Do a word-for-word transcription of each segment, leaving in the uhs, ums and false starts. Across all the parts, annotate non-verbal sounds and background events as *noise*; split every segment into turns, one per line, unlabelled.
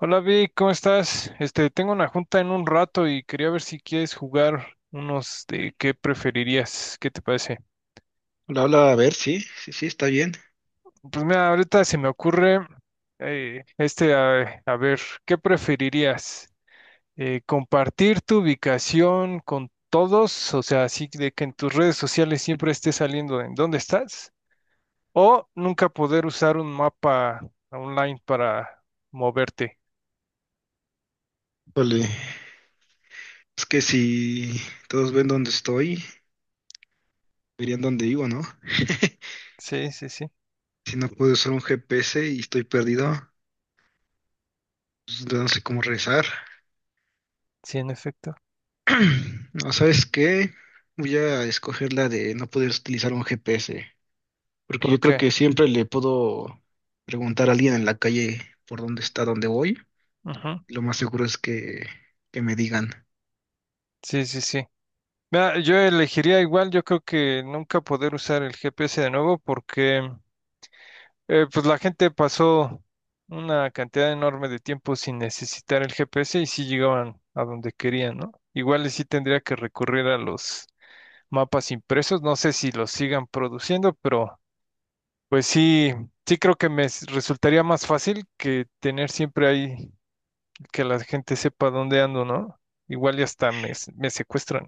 Hola Vic, ¿cómo estás? Este, tengo una junta en un rato y quería ver si quieres jugar unos de qué preferirías, ¿qué te parece?
Hola, hola, a ver, sí, sí, sí, está bien.
Pues mira, ahorita se me ocurre eh, este, a, a ver, ¿qué preferirías? Eh, ¿compartir tu ubicación con todos? O sea, así de que en tus redes sociales siempre esté saliendo de en dónde estás, o nunca poder usar un mapa online para moverte.
Híjole, es que si todos ven dónde estoy, verían dónde vivo, ¿no? *laughs*
Sí, sí, sí,
Si no puedo usar un G P S y estoy perdido, pues, no sé cómo regresar.
sí, en efecto.
*clears throat* No, ¿sabes qué? Voy a escoger la de no poder utilizar un G P S, porque yo
¿Por
creo
qué?
que siempre le puedo preguntar a alguien en la calle por dónde está, dónde voy.
Ujú.
Lo más seguro es que, que me digan.
Sí, sí, sí. Mira, yo elegiría igual, yo creo que nunca poder usar el G P S de nuevo porque eh, pues la gente pasó una cantidad enorme de tiempo sin necesitar el G P S y sí llegaban a donde querían, ¿no? Igual y sí tendría que recurrir a los mapas impresos, no sé si los sigan produciendo, pero pues sí, sí creo que me s- resultaría más fácil que tener siempre ahí que la gente sepa dónde ando, ¿no? Igual y hasta me, s- me secuestran.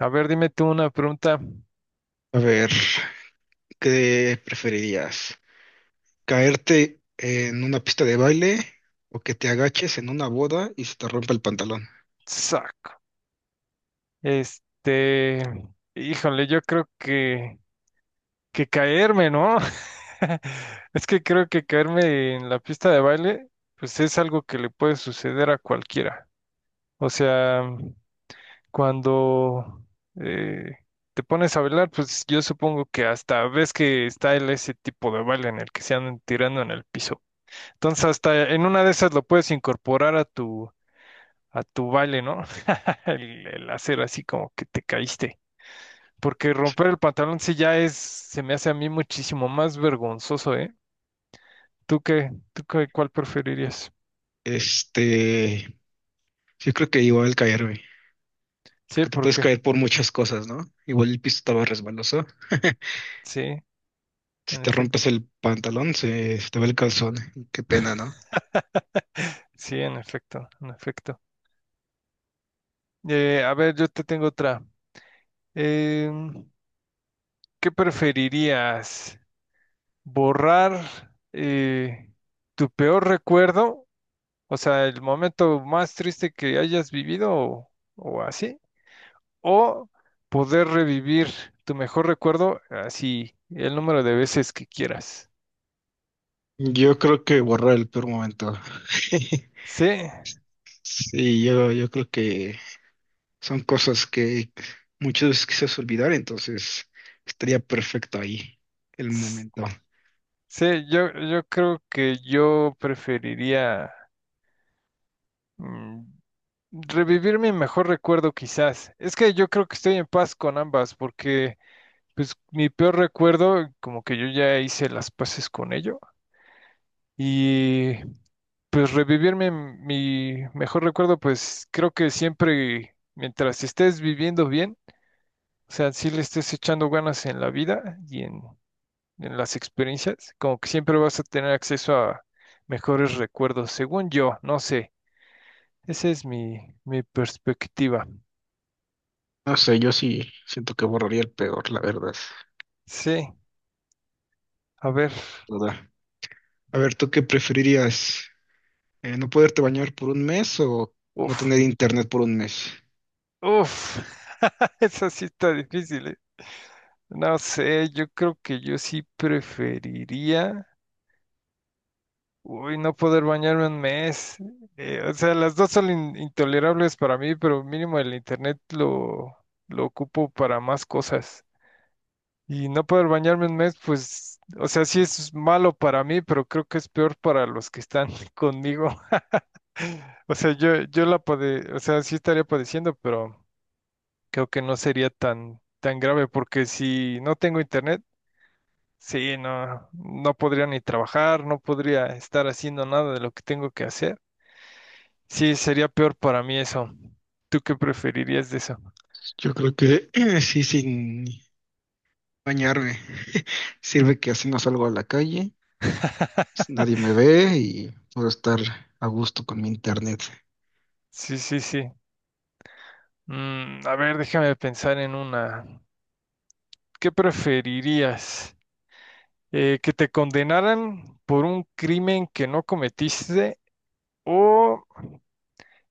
A ver, dime tú una pregunta.
A ver, ¿qué preferirías? ¿Caerte en una pista de baile o que te agaches en una boda y se te rompa el pantalón?
Sac. Este, híjole, yo creo que, que caerme, ¿no? *laughs* Es que creo que caerme en la pista de baile, pues es algo que le puede suceder a cualquiera. O sea, cuando eh, te pones a bailar, pues yo supongo que hasta ves que está el, ese tipo de baile en el que se andan tirando en el piso. Entonces, hasta en una de esas lo puedes incorporar a tu, a tu baile, ¿no? *laughs* El, el hacer así como que te caíste. Porque romper el pantalón sí ya es, se me hace a mí muchísimo más vergonzoso, ¿eh? ¿Tú qué? ¿Tú qué, ¿cuál preferirías?
Este, yo creo que igual caerme,
Sí,
porque te
¿por
puedes
qué?
caer por muchas cosas, ¿no? Igual el piso estaba resbaloso. *laughs*
Sí,
Si
en
te
efecto.
rompes el pantalón, se, se te va el calzón. Qué pena, ¿no?
Sí, en efecto, en efecto. Eh, a ver, yo te tengo otra. Em, ¿Qué preferirías? ¿Borrar eh, tu peor recuerdo? O sea, el momento más triste que hayas vivido o, o así, o poder revivir tu mejor recuerdo así el número de veces que quieras.
Yo creo que borrar el peor momento. *laughs*
Sí,
Sí, yo, yo creo que son cosas que muchas veces quisieras olvidar, entonces estaría perfecto ahí el
s-
momento.
sí, yo, yo creo que yo preferiría mm, revivir mi mejor recuerdo quizás. Es que yo creo que estoy en paz con ambas porque pues mi peor recuerdo como que yo ya hice las paces con ello y pues revivir mi, mi mejor recuerdo, pues creo que siempre mientras estés viviendo bien. O sea, si le estés echando ganas en la vida y en, en las experiencias, como que siempre vas a tener acceso a mejores recuerdos, según yo, no sé. Esa es mi, mi perspectiva.
No sé, yo sí siento que borraría el peor, la verdad.
Sí, a ver.
Toda. A ver, ¿tú qué preferirías? Eh, ¿no poderte bañar por un mes o no
Uf,
tener internet por un mes?
uf. *laughs* Esa sí está difícil, ¿eh? No sé, yo creo que yo sí preferiría, uy, no poder bañarme un mes. Eh, o sea, las dos son in- intolerables para mí, pero mínimo el internet lo, lo ocupo para más cosas. Y no poder bañarme un mes, pues, o sea, sí es malo para mí, pero creo que es peor para los que están *laughs* conmigo. O sea, yo, yo la pade, o sea, sí estaría padeciendo, pero creo que no sería tan, tan grave, porque si no tengo internet, sí, no, no podría ni trabajar, no podría estar haciendo nada de lo que tengo que hacer. Sí, sería peor para mí eso. ¿Tú qué preferirías de eso?
Yo creo que *clears throat* eh, sí, sin bañarme. *laughs* Sirve que así no salgo a la calle, nadie
*laughs*
me ve y puedo estar a gusto con mi internet.
Sí, sí, sí. Mm, a ver, déjame pensar en una. ¿Qué preferirías? Eh, ¿que te condenaran por un crimen que no cometiste o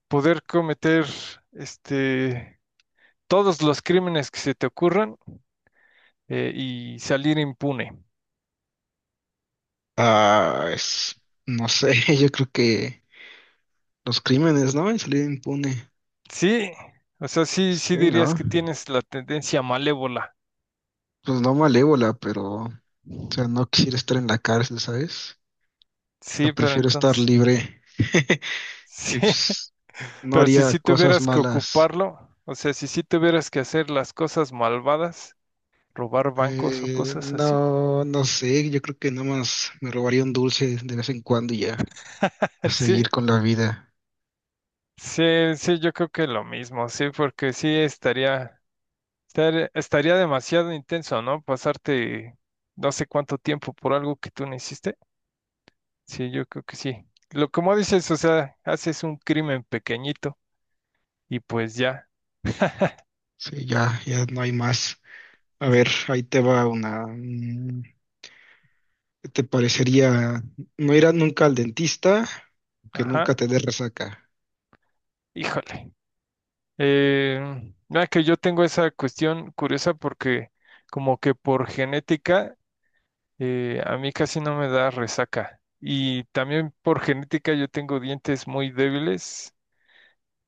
poder cometer este, todos los crímenes que se te ocurran eh, y salir impune?
Ah, es, no sé, *laughs* yo creo que los crímenes, ¿no? Y salir impune.
Sí, o sea, sí, sí
Sí,
dirías
¿no?
que tienes la tendencia malévola.
Pues no malévola, pero, o sea, no quiero estar en la cárcel, ¿sabes? O sea,
Sí, pero
prefiero estar
entonces,
libre. *laughs*
*laughs*
Y
sí,
pues, no
pero si
haría
sí
cosas
tuvieras que
malas.
ocuparlo, o sea, si sí tuvieras que hacer las cosas malvadas, robar bancos o
Eh,
cosas así,
no, no sé, yo creo que nomás me robaría un dulce de vez en cuando y ya.
*laughs*
A
sí.
seguir con la vida.
Sí, sí, yo creo que lo mismo, sí, porque sí estaría, estar- estaría demasiado intenso, ¿no? Pasarte no sé cuánto tiempo por algo que tú no hiciste. Sí, yo creo que sí. Lo como dices, o sea, haces un crimen pequeñito y pues ya.
Sí, ya, ya no hay más. A ver,
Sí.
ahí te va una. mm, ¿Qué te parecería no ir a nunca al dentista? Que
Ajá,
nunca te dé resaca.
híjole. Eh, mira que yo tengo esa cuestión curiosa porque como que por genética eh, a mí casi no me da resaca. Y también por genética yo tengo dientes muy débiles.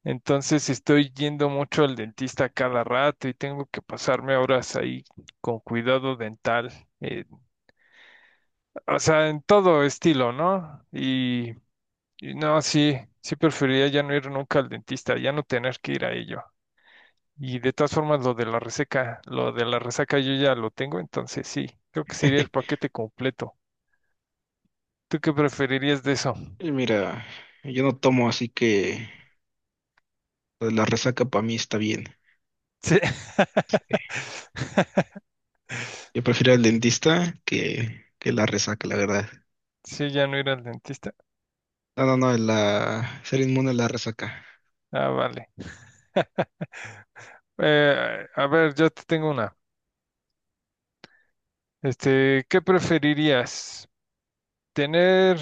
Entonces estoy yendo mucho al dentista cada rato y tengo que pasarme horas ahí con cuidado dental, eh, o sea, en todo estilo, ¿no? Y, y no, sí, sí preferiría ya no ir nunca al dentista, ya no tener que ir a ello. Y de todas formas, lo de la reseca, lo de la resaca yo ya lo tengo, entonces sí, creo que sería el paquete completo. ¿Tú qué preferirías de eso?
Y mira, yo no tomo, así que lo de la resaca para mí está bien.
Sí, *laughs*
Yo prefiero el dentista que, que la resaca, la verdad.
sí, ya no ir al dentista.
No, no, no, la, ser inmune a la resaca.
Ah, vale. Eh, a ver, yo te tengo una. Este, ¿qué preferirías? ¿Tener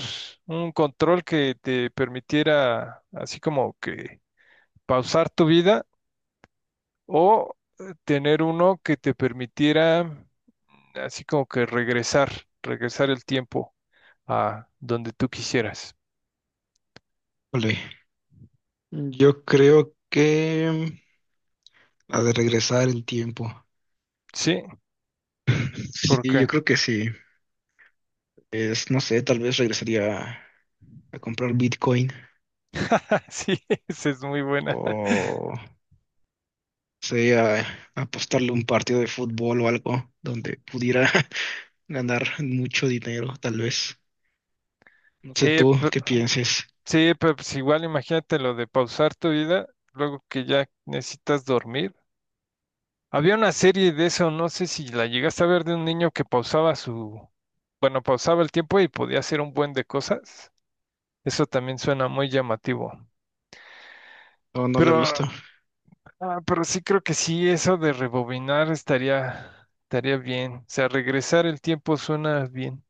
un control que te permitiera así como que pausar tu vida o eh, tener uno que te permitiera mm, así como que regresar, regresar el tiempo a donde tú quisieras?
Ole. Yo creo que la de regresar el tiempo.
¿Sí? ¿Por
Sí, yo
qué?
creo que sí. Es, no sé, tal vez regresaría a comprar Bitcoin,
*laughs* Sí, esa es muy buena.
o sea, a apostarle un partido de fútbol o algo donde pudiera *laughs* ganar mucho dinero, tal vez. No sé
Sí,
tú
pero,
qué pienses.
sí, pero pues igual imagínate lo de pausar tu vida, luego que ya necesitas dormir. Había una serie de eso, no sé si la llegaste a ver de un niño que pausaba su, bueno, pausaba el tiempo y podía hacer un buen de cosas. Eso también suena muy llamativo.
No, no la he
Pero,
visto.
ah, pero sí creo que sí, eso de rebobinar estaría, estaría bien. O sea, regresar el tiempo suena bien.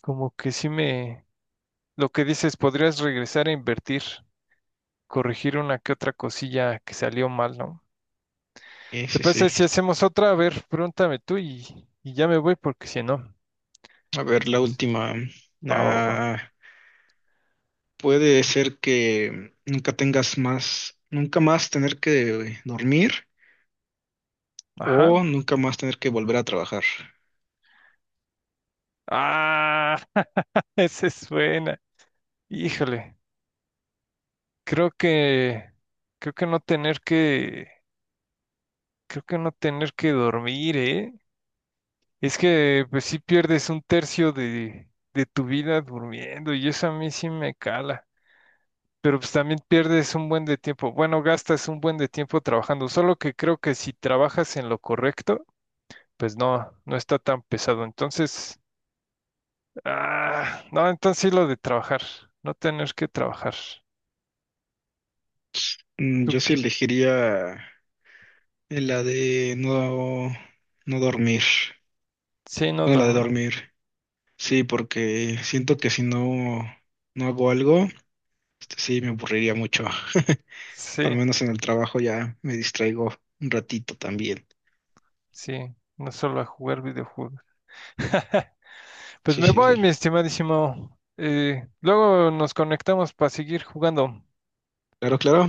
Como que sí me, lo que dices, podrías regresar a invertir, corregir una que otra cosilla que salió mal, ¿no?
Sí,
¿Te
sí, sí.
parece si hacemos otra? A ver, pregúntame tú y, y ya me voy porque si no.
A ver, la última.
Va, va, va.
Ah, puede ser que nunca tengas más, nunca más tener que dormir
Ajá.
o nunca más tener que volver a trabajar.
Ah, *laughs* ese suena. Híjole, creo que, creo que no tener que, creo que no tener que dormir, ¿eh? Es que pues sí pierdes un tercio de, de tu vida durmiendo y eso a mí sí me cala. Pero pues también pierdes un buen de tiempo. Bueno, gastas un buen de tiempo trabajando. Solo que creo que si trabajas en lo correcto, pues no, no está tan pesado. Entonces, ah, no, entonces sí lo de trabajar, no tener que trabajar.
Mm, Yo sí elegiría la de no, no dormir.
Sí, no
Bueno, la de
dormir.
dormir. Sí, porque siento que si no, no hago algo, este, sí me aburriría mucho. *laughs*
Sí,
Al menos en el trabajo ya me distraigo un ratito también.
sí. No solo a jugar videojuegos. *laughs* Pues
Sí,
me
sí, sí.
voy, mi estimadísimo. Eh, luego nos conectamos para seguir jugando.
Claro, claro.